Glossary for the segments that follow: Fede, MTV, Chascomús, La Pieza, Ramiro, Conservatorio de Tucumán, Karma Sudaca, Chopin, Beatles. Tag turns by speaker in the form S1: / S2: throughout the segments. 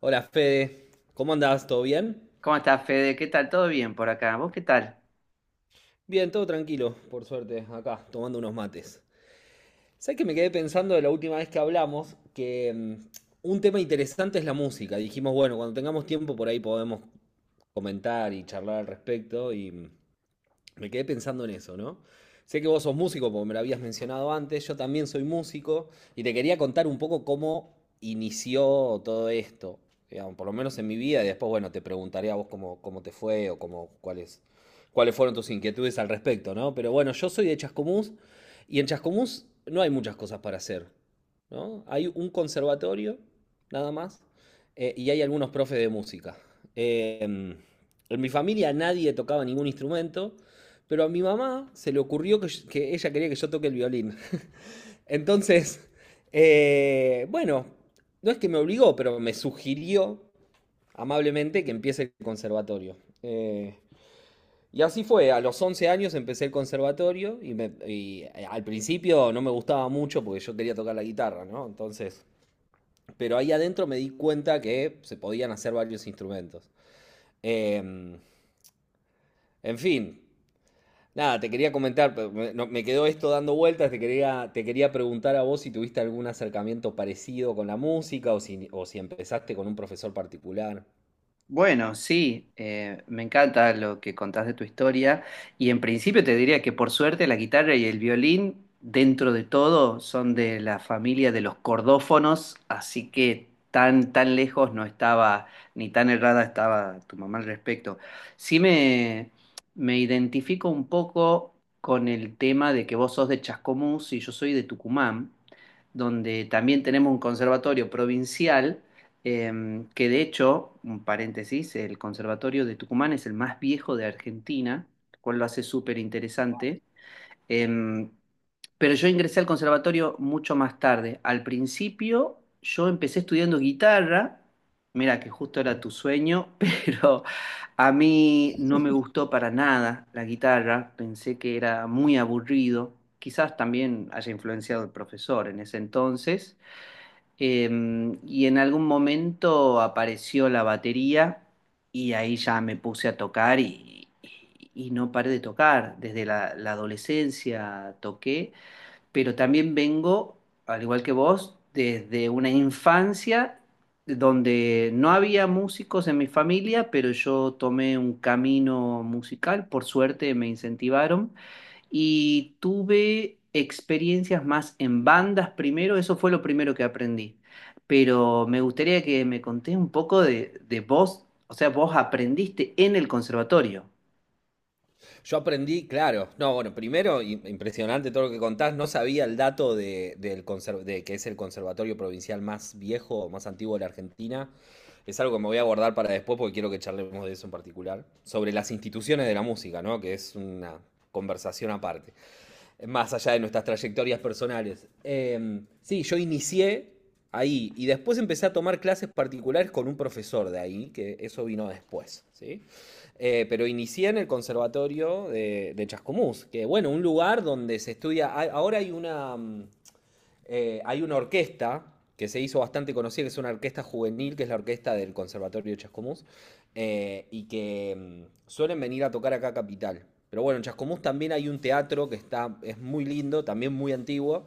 S1: Hola Fede, ¿cómo andás? ¿Todo bien?
S2: ¿Cómo estás, Fede? ¿Qué tal? ¿Todo bien por acá? ¿Vos qué tal?
S1: Bien, todo tranquilo, por suerte, acá, tomando unos mates. ¿Sabes que me quedé pensando de la última vez que hablamos que un tema interesante es la música? Dijimos, bueno, cuando tengamos tiempo por ahí podemos comentar y charlar al respecto y me quedé pensando en eso, ¿no? Sé que vos sos músico, porque me lo habías mencionado antes, yo también soy músico, y te quería contar un poco cómo inició todo esto, digamos, por lo menos en mi vida, y después, bueno, te preguntaré a vos cómo, cómo te fue o cómo, cuáles, cuáles fueron tus inquietudes al respecto, ¿no? Pero bueno, yo soy de Chascomús, y en Chascomús no hay muchas cosas para hacer, ¿no? Hay un conservatorio, nada más, y hay algunos profes de música. En mi familia nadie tocaba ningún instrumento, pero a mi mamá se le ocurrió que ella quería que yo toque el violín. Entonces, bueno, no es que me obligó, pero me sugirió amablemente que empiece el conservatorio. Eh, y así fue, a los 11 años empecé el conservatorio y al principio no me gustaba mucho porque yo quería tocar la guitarra, ¿no? Entonces, pero ahí adentro me di cuenta que se podían hacer varios instrumentos. Em, en fin, nada, te quería comentar, pero me, no- me quedó esto dando vueltas, te quería preguntar a vos si tuviste algún acercamiento parecido con la música o si empezaste con un profesor particular.
S2: Bueno, sí, me encanta lo que contás de tu historia y en principio te diría que por suerte la guitarra y el violín, dentro de todo, son de la familia de los cordófonos, así que tan lejos no estaba, ni tan errada estaba tu mamá al respecto. Sí me, Me identifico un poco con el tema de que vos sos de Chascomús y yo soy de Tucumán, donde también tenemos un conservatorio provincial. Que de hecho, un paréntesis, el Conservatorio de Tucumán es el más viejo de Argentina, lo cual lo hace súper interesante. Em, pero yo ingresé al conservatorio mucho más tarde. Al principio yo empecé estudiando guitarra, mira que justo era tu sueño, pero a mí no me gustó para nada la guitarra, pensé que era muy aburrido. Quizás también haya influenciado el profesor en ese entonces. Y en algún momento apareció la batería y ahí ya me puse a tocar y no paré de tocar. Desde la adolescencia toqué, pero también vengo, al igual que vos, desde una infancia donde no había músicos en mi familia, pero yo tomé un camino musical, por suerte me incentivaron y tuve experiencias más en bandas primero, eso fue lo primero que aprendí. Pero me gustaría que me contés un poco de vos, o sea, vos aprendiste en el conservatorio.
S1: Yo aprendí, claro, no, bueno, primero, impresionante todo lo que contás, no sabía el dato de que es el conservatorio provincial más viejo, más antiguo de la Argentina. Es algo que me voy a guardar para después porque quiero que charlemos de eso en particular. Sobre las instituciones de la música, ¿no? Que es una conversación aparte, más allá de nuestras trayectorias personales. Sí, yo inicié ahí y después empecé a tomar clases particulares con un profesor de ahí, que eso vino después, ¿sí? Pero inicié en el conservatorio de Chascomús, que bueno, un lugar donde se estudia, ahora hay una, hay una orquesta que se hizo bastante conocida, que es una orquesta juvenil, que es la orquesta del Conservatorio Chascomús, y que suelen venir a tocar acá a Capital. Pero bueno, en Chascomús también hay un teatro que está, es muy lindo, también muy antiguo,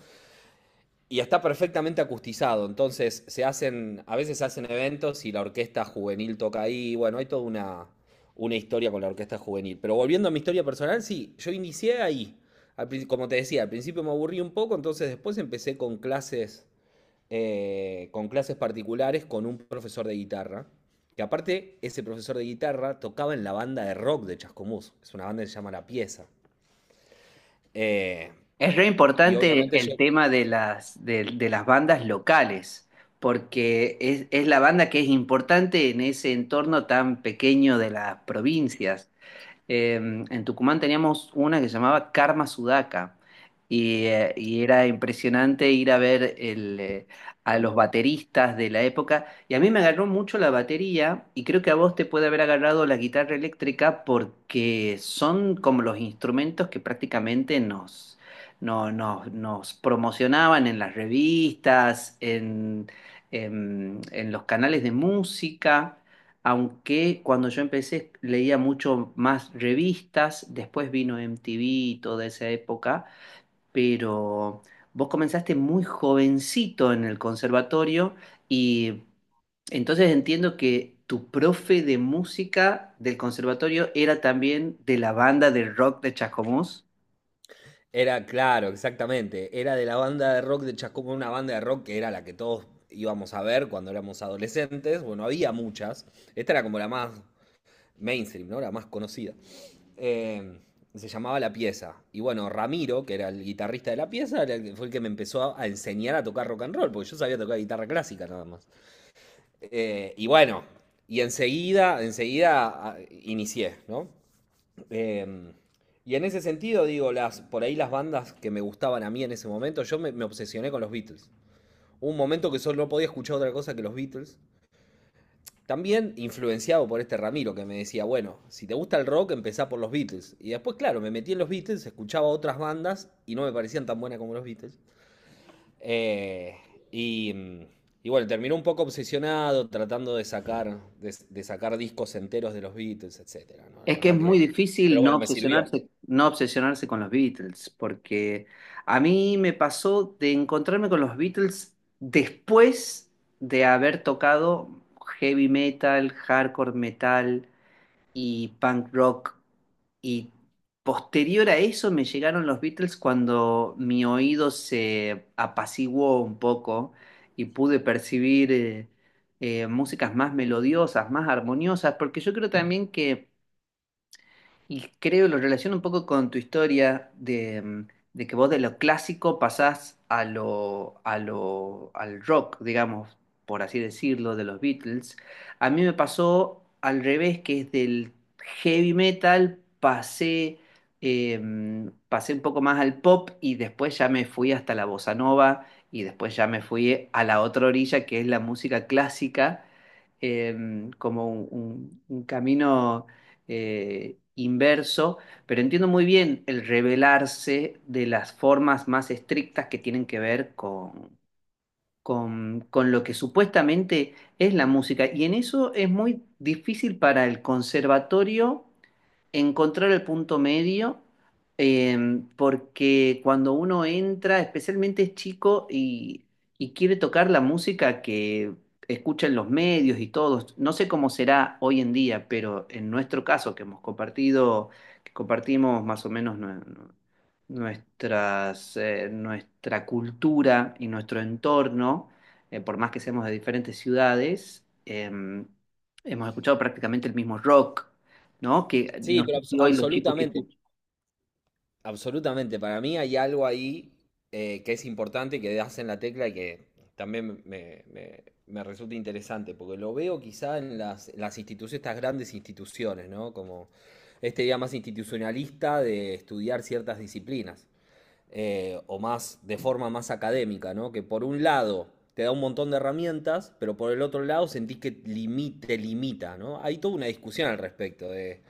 S1: y está perfectamente acustizado, entonces se hacen, a veces se hacen eventos y la orquesta juvenil toca ahí, bueno, hay toda una historia con la orquesta juvenil. Pero volviendo a mi historia personal, sí, yo inicié ahí. Como te decía, al principio me aburrí un poco, entonces después empecé con clases particulares con un profesor de guitarra, que aparte ese profesor de guitarra tocaba en la banda de rock de Chascomús, es una banda que se llama La Pieza. Eh,
S2: Es re
S1: y
S2: importante
S1: obviamente yo,
S2: el tema de de las bandas locales, porque es la banda que es importante en ese entorno tan pequeño de las provincias. eh, en Tucumán teníamos una que se llamaba Karma Sudaca y era impresionante ir a ver a los
S1: bueno,
S2: bateristas de la época y a mí me agarró mucho la batería y creo que a vos te puede haber agarrado la guitarra eléctrica porque son como los instrumentos que prácticamente nos, no- nos, nos promocionaban en las revistas, en los canales de música, aunque cuando yo empecé leía mucho más revistas, después vino MTV y toda esa época, pero vos comenzaste muy jovencito en el conservatorio y entonces entiendo que tu profe de música del conservatorio era también de la banda de rock de Chascomús.
S1: era, claro, exactamente. Era de la banda de rock de Chascomús, una banda de rock que era la que todos íbamos a ver cuando éramos adolescentes. Bueno, había muchas. Esta era como la más mainstream, ¿no? La más conocida. Eh, Se llamaba La Pieza. Y bueno, Ramiro, que era el guitarrista de La Pieza, era fue el que me empezó a enseñar a tocar rock and roll, porque yo sabía tocar guitarra clásica nada más. Y bueno, enseguida inicié, ¿no? Eh, y en ese sentido, digo, las, por ahí las bandas que me gustaban a mí en ese momento, me obsesioné con los Beatles. Hubo un momento que solo no podía escuchar otra cosa que los Beatles. También influenciado por este Ramiro que me decía, bueno, si te gusta el rock, empezá por los Beatles. Y después, claro, me metí en los Beatles, escuchaba otras bandas y no me parecían tan buenas como los Beatles. Eh, y, y bueno, terminó un poco obsesionado tratando de sacar, de sacar discos enteros de los Beatles, etcétera, ¿no? La
S2: Es que es
S1: verdad
S2: muy
S1: que... Pero
S2: difícil no
S1: bueno, me sirvió.
S2: obsesionarse, no obsesionarse con los Beatles, porque a mí me pasó de encontrarme con los Beatles después de haber tocado heavy metal, hardcore metal y punk rock. Y posterior a eso me llegaron los Beatles cuando mi oído se apaciguó un poco y pude percibir músicas más melodiosas, más armoniosas, porque yo creo también que, y creo, lo relaciono un poco con tu historia de que vos de lo clásico pasás a al rock, digamos, por así decirlo, de los Beatles. A mí me pasó al revés, que es del heavy metal pasé un poco más al pop y después ya me fui hasta la bossa nova y después ya me fui a la otra orilla, que es la música clásica, como un camino inverso, pero entiendo muy bien el revelarse de las formas más estrictas que tienen que ver con lo que supuestamente es la música. Y en eso es muy difícil para el conservatorio encontrar el punto medio, porque cuando uno entra, especialmente es chico y quiere tocar la música que escuchan los medios y todos, no sé cómo será hoy en día, pero en nuestro caso, que hemos compartido, que compartimos más o menos nuestras, nuestra cultura y nuestro entorno, por más que seamos de diferentes ciudades, hemos escuchado prácticamente el mismo rock. ¿No? Que
S1: Sí,
S2: no
S1: pero
S2: sé si hoy los chicos que
S1: absolutamente,
S2: escuchan.
S1: absolutamente. Para mí hay algo ahí que es importante, que das en la tecla y que también me resulta interesante, porque lo veo quizá en las instituciones, estas grandes instituciones, ¿no? Como este día más institucionalista de estudiar ciertas disciplinas, o más de forma más académica, ¿no? Que por un lado te da un montón de herramientas, pero por el otro lado sentís que te limita, ¿no? Hay toda una discusión al respecto de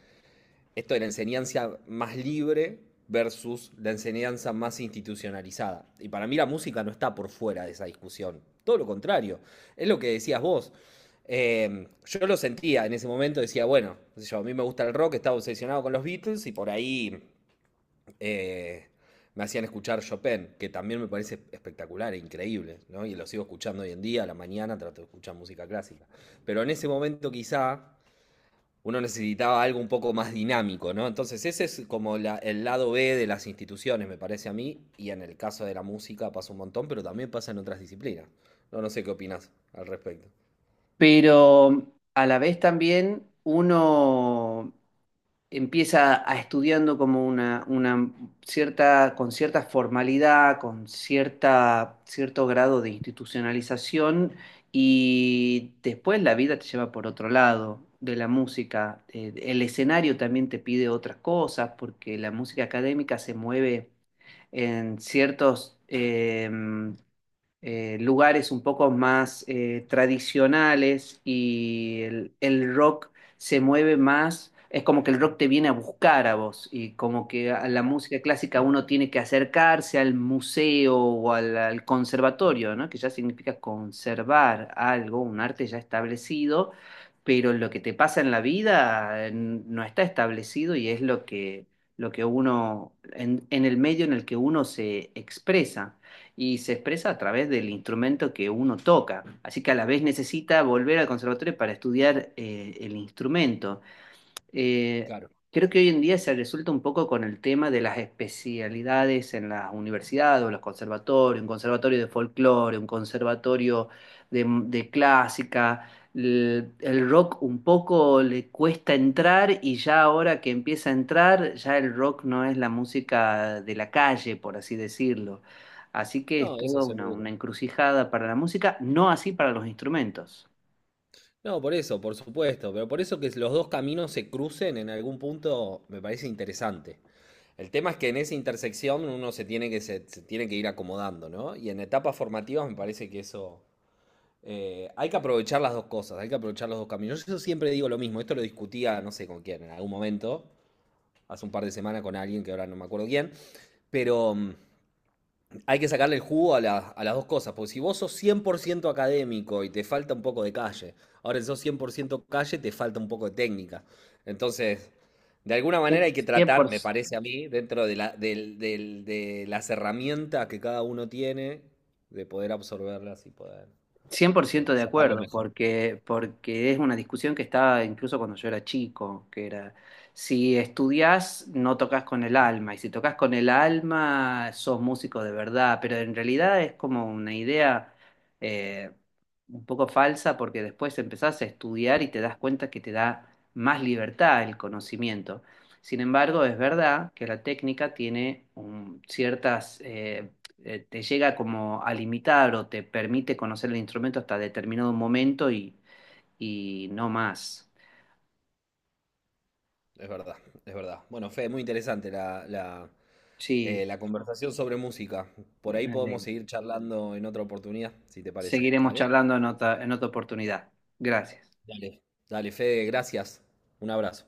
S1: esto de la enseñanza más libre versus la enseñanza más institucionalizada. Y para mí la música no está por fuera de esa discusión. Todo lo contrario. Es lo que decías vos. Yo lo sentía en ese momento, decía, bueno, no sé yo, a mí me gusta el rock, estaba obsesionado con los Beatles y por ahí eh, me hacían escuchar Chopin, que también me parece espectacular e increíble, ¿no? Y lo sigo escuchando hoy en día, a la mañana trato de escuchar música clásica. Pero en ese momento quizá uno necesitaba algo un poco más dinámico, ¿no? Entonces ese es como el lado B de las instituciones, me parece a mí, y en el caso de la música pasa un montón, pero también pasa en otras disciplinas. No, no sé qué opinas al respecto.
S2: Pero a la vez también uno empieza a estudiando como una cierta, con cierta formalidad, con cierta, cierto grado de institucionalización y después la vida te lleva por otro lado de la música. El escenario también te pide otras cosas porque la música académica se mueve en ciertos... lugares un poco más tradicionales y el rock se mueve más, es como que el rock te viene a buscar a vos y como que a la música clásica uno tiene que acercarse al museo o al conservatorio, ¿no? Que ya significa conservar algo, un arte ya establecido, pero lo que te pasa en la vida no está establecido y es lo que uno, en el medio en el que uno se expresa y se expresa a través del instrumento que uno toca. Así que a la vez necesita volver al conservatorio para estudiar el instrumento. Eh,
S1: Claro.
S2: creo que hoy en día se resulta un poco con el tema de las especialidades en las universidades o los conservatorios, un conservatorio de folclore, un conservatorio de clásica. El rock un poco le cuesta entrar y ya ahora que empieza a entrar, ya el rock no es la música de la calle, por así decirlo. Así que es
S1: No, eso
S2: toda
S1: seguro.
S2: una encrucijada para la música, no así para los instrumentos.
S1: No, por eso, por supuesto, pero por eso que los dos caminos se crucen en algún punto me parece interesante. El tema es que en esa intersección uno se tiene que, se tiene que ir acomodando, ¿no? Y en etapas formativas me parece que eso, hay que aprovechar las dos cosas, hay que aprovechar los dos caminos. Yo siempre digo lo mismo, esto lo discutía, no sé con quién, en algún momento, hace un par de semanas con alguien que ahora no me acuerdo quién, pero hay que sacarle el jugo a, a las dos cosas, porque si vos sos 100% académico y te falta un poco de calle, ahora si sos 100% calle te falta un poco de técnica. Entonces, de alguna manera hay que tratar, me
S2: 100%,
S1: parece a mí, dentro de, de las herramientas que cada uno tiene, de poder absorberlas y poder,
S2: cien por
S1: no sé,
S2: ciento de
S1: sacarlo
S2: acuerdo,
S1: mejor.
S2: porque, porque es una discusión que estaba incluso cuando yo era chico, que era, si estudias no tocas con el alma, y si tocas con el alma sos músico de verdad, pero en realidad es como una idea eh, un poco falsa porque después empezás a estudiar y te das cuenta que te da más libertad el conocimiento. Sin embargo, es verdad que la técnica tiene ciertas te llega como a limitar o te permite conocer el instrumento hasta determinado momento y no más.
S1: Es verdad, es verdad. Bueno, Fe, muy interesante
S2: Sí,
S1: la conversación sobre música. Por ahí
S2: me
S1: podemos
S2: alegro.
S1: seguir charlando en otra oportunidad, si te parece.
S2: Seguiremos
S1: Dale,
S2: charlando en otra oportunidad. Gracias.
S1: dale, dale, Fede, gracias. Un abrazo.